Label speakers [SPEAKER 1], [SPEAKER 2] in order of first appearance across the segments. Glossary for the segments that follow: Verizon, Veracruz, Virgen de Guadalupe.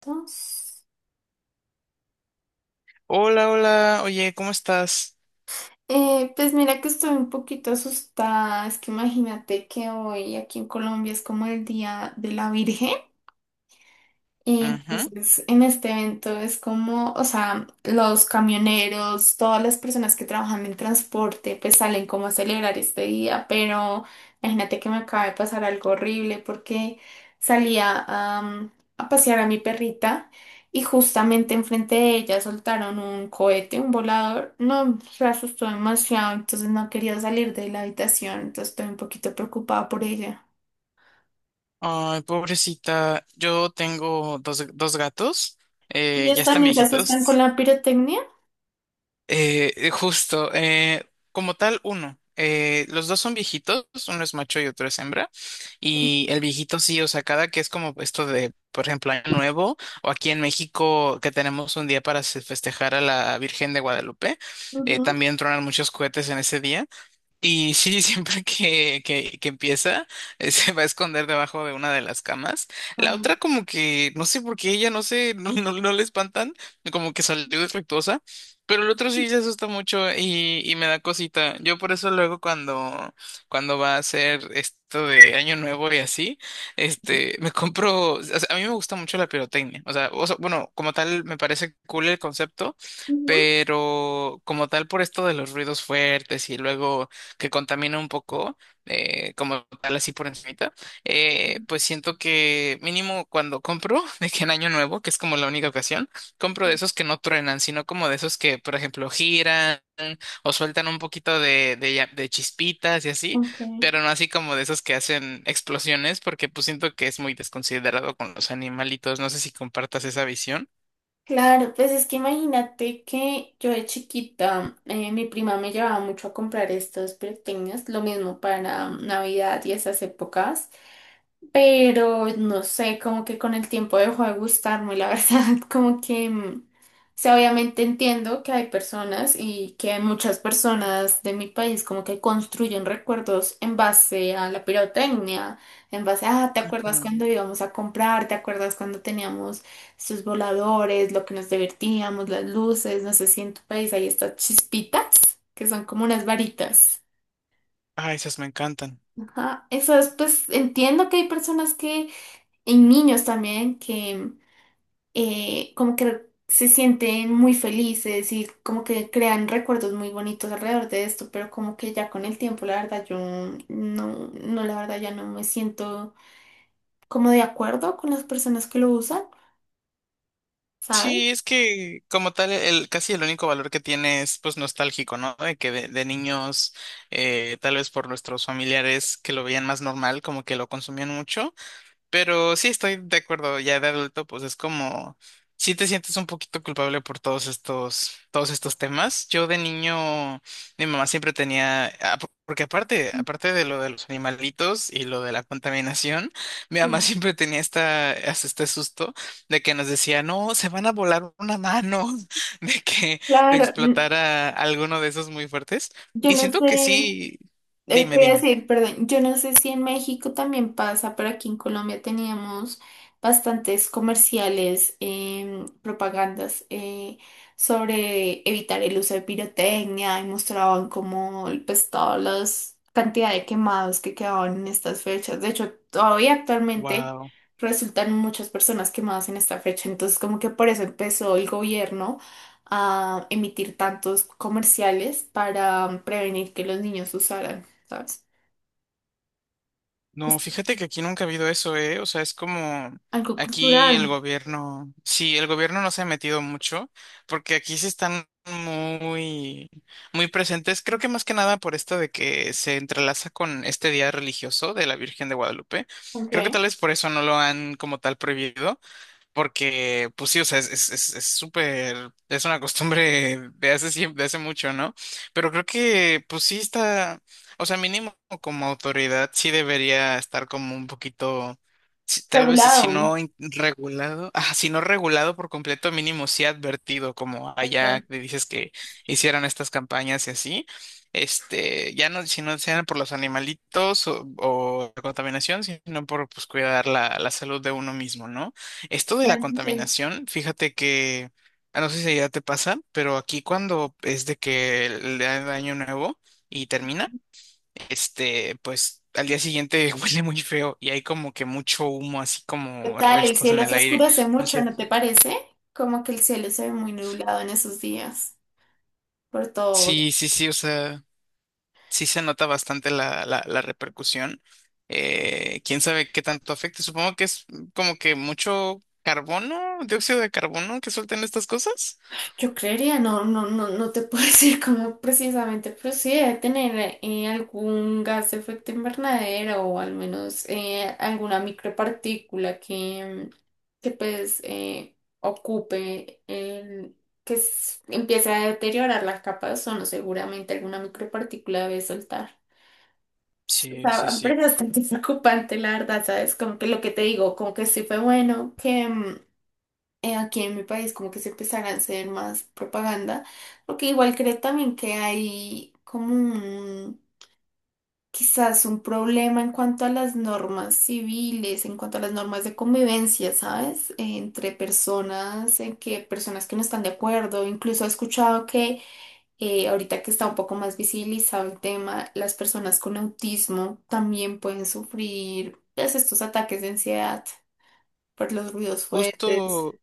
[SPEAKER 1] Entonces,
[SPEAKER 2] Hola, hola, oye, ¿cómo estás?
[SPEAKER 1] pues mira que estoy un poquito asustada. Es que imagínate que hoy aquí en Colombia es como el Día de la Virgen.
[SPEAKER 2] Ujú.
[SPEAKER 1] Entonces, en este evento es como, o sea, los camioneros, todas las personas que trabajan en transporte, pues salen como a celebrar este día, pero imagínate que me acaba de pasar algo horrible porque salía am, a pasear a mi perrita y justamente enfrente de ella soltaron un cohete, un volador. No, se asustó demasiado, entonces no quería salir de la habitación, entonces estoy un poquito preocupada por ella.
[SPEAKER 2] Ay, pobrecita, yo tengo dos gatos,
[SPEAKER 1] ¿Y
[SPEAKER 2] ya
[SPEAKER 1] ellos
[SPEAKER 2] están
[SPEAKER 1] también se asustan con
[SPEAKER 2] viejitos.
[SPEAKER 1] la pirotecnia?
[SPEAKER 2] Justo, como tal, uno. Los dos son viejitos, uno es macho y otro es hembra. Y el viejito sí, o sea, cada que es como esto de, por ejemplo, Año Nuevo, o aquí en México que tenemos un día para festejar a la Virgen de Guadalupe,
[SPEAKER 1] Ujú.
[SPEAKER 2] también tronan muchos cohetes en ese día. Y sí, siempre que empieza, se va a esconder debajo de una de las camas. La otra como que, no sé por qué ella, no sé, no, no, no le espantan, como que salió defectuosa, pero el otro sí se asusta mucho y me da cosita. Yo por eso luego cuando va a ser esto de Año Nuevo y así, este, me compro, o sea, a mí me gusta mucho la pirotecnia. Bueno, como tal me parece cool el concepto,
[SPEAKER 1] Ujú.
[SPEAKER 2] pero como tal por esto de los ruidos fuertes y luego que contamina un poco, como tal así por encimita, pues siento que mínimo cuando compro, de que en Año Nuevo, que es como la única ocasión, compro de esos que no truenan, sino como de esos que, por ejemplo, giran o sueltan un poquito de chispitas y así,
[SPEAKER 1] Ok.
[SPEAKER 2] pero no así como de esos que hacen explosiones, porque pues siento que es muy desconsiderado con los animalitos. No sé si compartas esa visión.
[SPEAKER 1] Claro, pues es que imagínate que yo de chiquita, mi prima me llevaba mucho a comprar estos pequeños, lo mismo para Navidad y esas épocas, pero no sé, como que con el tiempo dejó de gustarme, la verdad, como que, o sea, obviamente entiendo que hay personas y que hay muchas personas de mi país como que construyen recuerdos en base a la pirotecnia, en base a, ¿te acuerdas cuando íbamos a comprar? ¿Te acuerdas cuando teníamos sus voladores, lo que nos divertíamos, las luces, no sé si en tu país hay estas chispitas, que son como unas varitas?
[SPEAKER 2] Ah, esas me encantan.
[SPEAKER 1] Ajá, eso es, pues entiendo que hay personas que, y niños también, que como que se sienten muy felices y como que crean recuerdos muy bonitos alrededor de esto, pero como que ya con el tiempo, la verdad, yo no, no, la verdad, ya no me siento como de acuerdo con las personas que lo usan, ¿sabes?
[SPEAKER 2] Sí, es que como tal, el, casi el único valor que tiene es pues nostálgico, ¿no? De que de niños, tal vez por nuestros familiares que lo veían más normal, como que lo consumían mucho. Pero sí estoy de acuerdo, ya de adulto, pues es como, sí te sientes un poquito culpable por todos estos temas. Yo de niño, mi mamá siempre tenía, porque aparte de lo de los animalitos y lo de la contaminación, mi mamá
[SPEAKER 1] Sí.
[SPEAKER 2] siempre tenía esta, hasta este susto de que nos decía, no, se van a volar una mano, de que te
[SPEAKER 1] Claro,
[SPEAKER 2] explotara alguno de esos muy fuertes.
[SPEAKER 1] yo
[SPEAKER 2] Y
[SPEAKER 1] no
[SPEAKER 2] siento
[SPEAKER 1] sé.
[SPEAKER 2] que sí, dime,
[SPEAKER 1] Quería
[SPEAKER 2] dime.
[SPEAKER 1] decir, perdón, yo no sé si en México también pasa, pero aquí en Colombia teníamos bastantes comerciales, propagandas sobre evitar el uso de pirotecnia y mostraban como pues todas las cantidad de quemados que quedaban en estas fechas. De hecho, todavía actualmente
[SPEAKER 2] Wow.
[SPEAKER 1] resultan muchas personas quemadas en esta fecha, entonces como que por eso empezó el gobierno a emitir tantos comerciales para prevenir que los niños usaran. ¿Sabes?
[SPEAKER 2] No,
[SPEAKER 1] Es
[SPEAKER 2] fíjate que aquí nunca ha habido eso, ¿eh? O sea, es como
[SPEAKER 1] algo
[SPEAKER 2] aquí
[SPEAKER 1] cultural.
[SPEAKER 2] el gobierno, sí, el gobierno no se ha metido mucho, porque aquí sí están muy, muy presentes, creo que más que nada por esto de que se entrelaza con este día religioso de la Virgen de Guadalupe.
[SPEAKER 1] Ok.
[SPEAKER 2] Creo que tal vez por eso no lo han como tal prohibido, porque, pues sí, o sea, es súper, es una costumbre de hace siempre, de hace mucho, ¿no? Pero creo que, pues sí está, o sea, mínimo como autoridad sí debería estar como un poquito, tal vez si
[SPEAKER 1] Regulado,
[SPEAKER 2] no regulado, si no regulado por completo, mínimo sí advertido, como allá
[SPEAKER 1] totalmente.
[SPEAKER 2] que dices que hicieran estas campañas y así. Este, ya no, si no sean por los animalitos o la contaminación, sino por pues cuidar la salud de uno mismo, ¿no? Esto de la contaminación, fíjate que, no sé si ya te pasa, pero aquí cuando es de que el año nuevo y termina, este, pues al día siguiente huele muy feo y hay como que mucho humo, así como
[SPEAKER 1] Total, el
[SPEAKER 2] restos en
[SPEAKER 1] cielo se
[SPEAKER 2] el aire.
[SPEAKER 1] oscurece
[SPEAKER 2] No
[SPEAKER 1] mucho,
[SPEAKER 2] sé.
[SPEAKER 1] ¿no te parece? Como que el cielo se ve muy nublado en esos días, por todo.
[SPEAKER 2] Sí, sí, sí, o sea, sí se nota bastante la repercusión. Quién sabe qué tanto afecta. Supongo que es como que mucho carbono, dióxido de carbono que sueltan estas cosas.
[SPEAKER 1] Yo creería, no, no, no, no te puedo decir cómo precisamente, pero sí debe tener algún gas de efecto invernadero o al menos alguna micropartícula que pues ocupe, el, que empiece a deteriorar la capa de ozono, seguramente alguna micropartícula debe soltar. O
[SPEAKER 2] Sí, sí,
[SPEAKER 1] sea, pero
[SPEAKER 2] sí.
[SPEAKER 1] es bastante preocupante, la verdad, ¿sabes? Como que lo que te digo, como que sí fue bueno que. Aquí en mi país como que se empezara a hacer más propaganda, porque igual creo también que hay como un, quizás un problema en cuanto a las normas civiles, en cuanto a las normas de convivencia, ¿sabes? Entre personas, en que personas que no están de acuerdo, incluso he escuchado que ahorita que está un poco más visibilizado el tema, las personas con autismo también pueden sufrir pues, estos ataques de ansiedad por los ruidos fuertes.
[SPEAKER 2] Justo,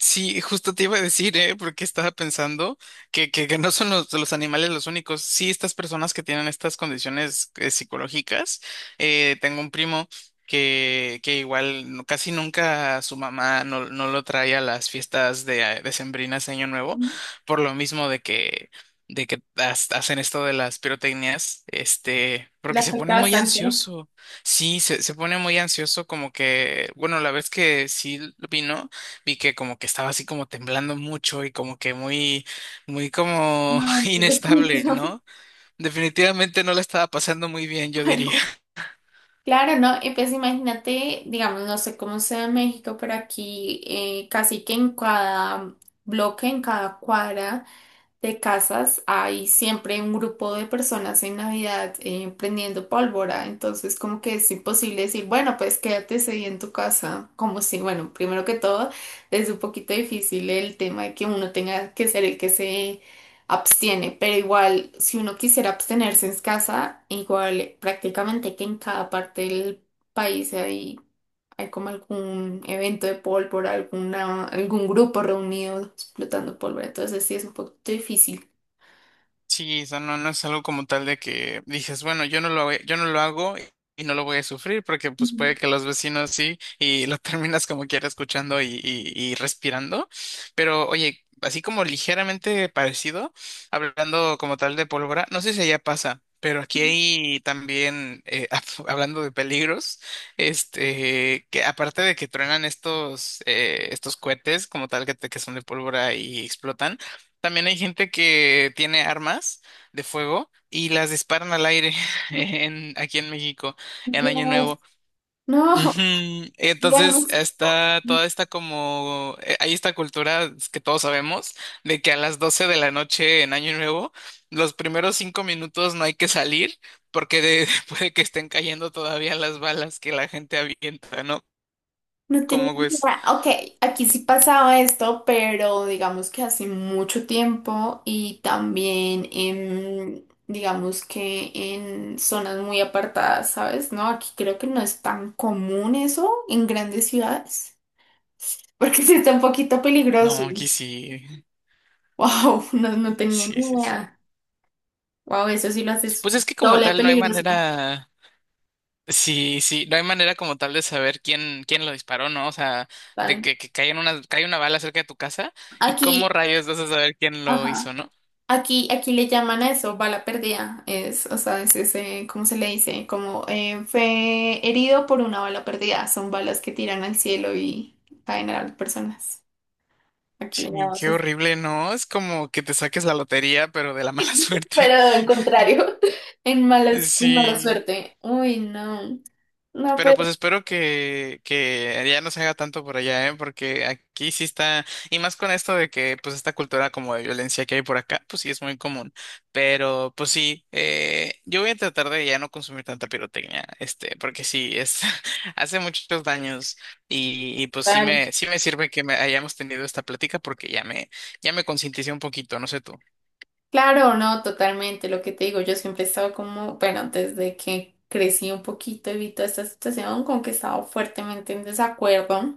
[SPEAKER 2] Sí, justo te iba a decir, ¿eh? Porque estaba pensando que no son los animales los únicos. Sí, estas personas que tienen estas condiciones psicológicas. Tengo un primo que igual casi nunca su mamá no lo trae a las fiestas de, decembrinas de Año Nuevo, por lo mismo de que hacen esto de las pirotecnias, este,
[SPEAKER 1] Le
[SPEAKER 2] porque se pone
[SPEAKER 1] afecta
[SPEAKER 2] muy
[SPEAKER 1] bastante.
[SPEAKER 2] ansioso. Sí, se pone muy ansioso, como que, bueno, la vez que sí vino vi que como que estaba así como temblando mucho y como que muy, muy como
[SPEAKER 1] No,
[SPEAKER 2] inestable,
[SPEAKER 1] pobrecito.
[SPEAKER 2] ¿no? Definitivamente no la estaba pasando muy bien, yo diría.
[SPEAKER 1] Claro, claro, ¿no? Y pues imagínate, digamos, no sé cómo sea en México, pero aquí casi que en cada bloque, en cada cuadra de casas hay siempre un grupo de personas en Navidad prendiendo pólvora, entonces como que es imposible decir, bueno, pues quédate ese día en tu casa, como si, bueno, primero que todo, es un poquito difícil el tema de que uno tenga que ser el que se abstiene, pero igual si uno quisiera abstenerse en casa, igual prácticamente que en cada parte del país hay como algún evento de pólvora, alguna, algún grupo reunido explotando pólvora. Entonces sí es un poquito difícil.
[SPEAKER 2] Sí, o sea, no, no es algo como tal de que dices, bueno, yo no lo hago y no lo voy a sufrir porque pues
[SPEAKER 1] Mm,
[SPEAKER 2] puede que los vecinos sí y lo terminas como quiera escuchando y respirando. Pero oye, así como ligeramente parecido, hablando como tal de pólvora, no sé si allá pasa, pero aquí hay también, hablando de peligros, este, que aparte de que truenan estos cohetes como tal que, que son de pólvora y explotan. También hay gente que tiene armas de fuego y las disparan al aire en, aquí en México en Año
[SPEAKER 1] Dios.
[SPEAKER 2] Nuevo.
[SPEAKER 1] No,
[SPEAKER 2] Ujú. Entonces
[SPEAKER 1] Dios.
[SPEAKER 2] está toda esta como, hay esta cultura que todos sabemos de que a las 12 de la noche en Año Nuevo, los primeros 5 minutos no hay que salir porque puede que estén cayendo todavía las balas que la gente avienta, ¿no?
[SPEAKER 1] No tenía
[SPEAKER 2] Como
[SPEAKER 1] ni
[SPEAKER 2] pues,
[SPEAKER 1] idea. Ok, aquí sí pasaba esto, pero digamos que hace mucho tiempo y también en, digamos que en zonas muy apartadas, ¿sabes? No, aquí creo que no es tan común eso en grandes ciudades, porque sí está un poquito peligroso.
[SPEAKER 2] no, aquí sí,
[SPEAKER 1] Wow, no, no tenía ni
[SPEAKER 2] sí, sí, sí.
[SPEAKER 1] idea. Wow, eso sí lo haces
[SPEAKER 2] Pues es que como
[SPEAKER 1] doble de
[SPEAKER 2] tal no hay
[SPEAKER 1] peligroso.
[SPEAKER 2] manera. Sí, sí, no hay manera como tal de saber quién lo disparó, ¿no? O sea, de
[SPEAKER 1] Tal.
[SPEAKER 2] que, cae una bala cerca de tu casa y cómo
[SPEAKER 1] Aquí,
[SPEAKER 2] rayos vas a saber quién lo
[SPEAKER 1] ajá.
[SPEAKER 2] hizo, ¿no?
[SPEAKER 1] Aquí, aquí le llaman a eso bala perdida. Es, o sea, es ese, ¿cómo se le dice? Como fue herido por una bala perdida. Son balas que tiran al cielo y caen a las personas. Aquí le
[SPEAKER 2] Sí,
[SPEAKER 1] llamamos
[SPEAKER 2] qué
[SPEAKER 1] así.
[SPEAKER 2] horrible, ¿no? Es como que te saques la lotería, pero de la mala
[SPEAKER 1] Pero
[SPEAKER 2] suerte.
[SPEAKER 1] al contrario, en malas, en mala
[SPEAKER 2] Sí.
[SPEAKER 1] suerte. Uy, no. No,
[SPEAKER 2] Pero
[SPEAKER 1] pero
[SPEAKER 2] pues espero que ya no se haga tanto por allá, ¿eh? Porque aquí sí está, y más con esto de que pues esta cultura como de violencia que hay por acá, pues sí es muy común. Pero pues sí, yo voy a tratar de ya no consumir tanta pirotecnia, este, porque sí, hace muchos daños pues sí
[SPEAKER 1] tal.
[SPEAKER 2] sí me sirve que me hayamos tenido esta plática porque ya me concienticé un poquito, no sé tú.
[SPEAKER 1] Claro, no, totalmente. Lo que te digo, yo siempre he estado como, bueno, desde que crecí un poquito y vi toda esta situación, como que he estado fuertemente en desacuerdo.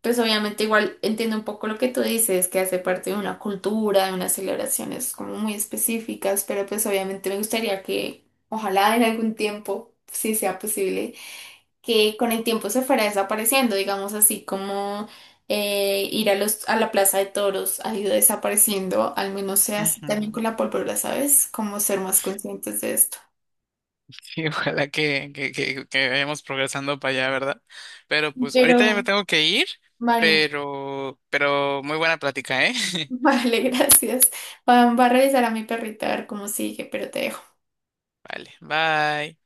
[SPEAKER 1] Pues obviamente igual entiendo un poco lo que tú dices, que hace parte de una cultura, de unas celebraciones como muy específicas, pero pues obviamente me gustaría que ojalá en algún tiempo, si sea posible que con el tiempo se fuera desapareciendo, digamos así como ir a los, a la plaza de toros ha ido desapareciendo, al menos sea así también
[SPEAKER 2] Ujú.
[SPEAKER 1] con la pólvora, ¿sabes? Como ser más conscientes de esto.
[SPEAKER 2] Y ojalá que vayamos progresando para allá, ¿verdad? Pero pues
[SPEAKER 1] Pero,
[SPEAKER 2] ahorita ya me tengo que ir,
[SPEAKER 1] vale.
[SPEAKER 2] pero muy buena plática, ¿eh?
[SPEAKER 1] Vale, gracias. Va, va a revisar a mi perrita a ver cómo sigue, pero te dejo.
[SPEAKER 2] Vale, bye.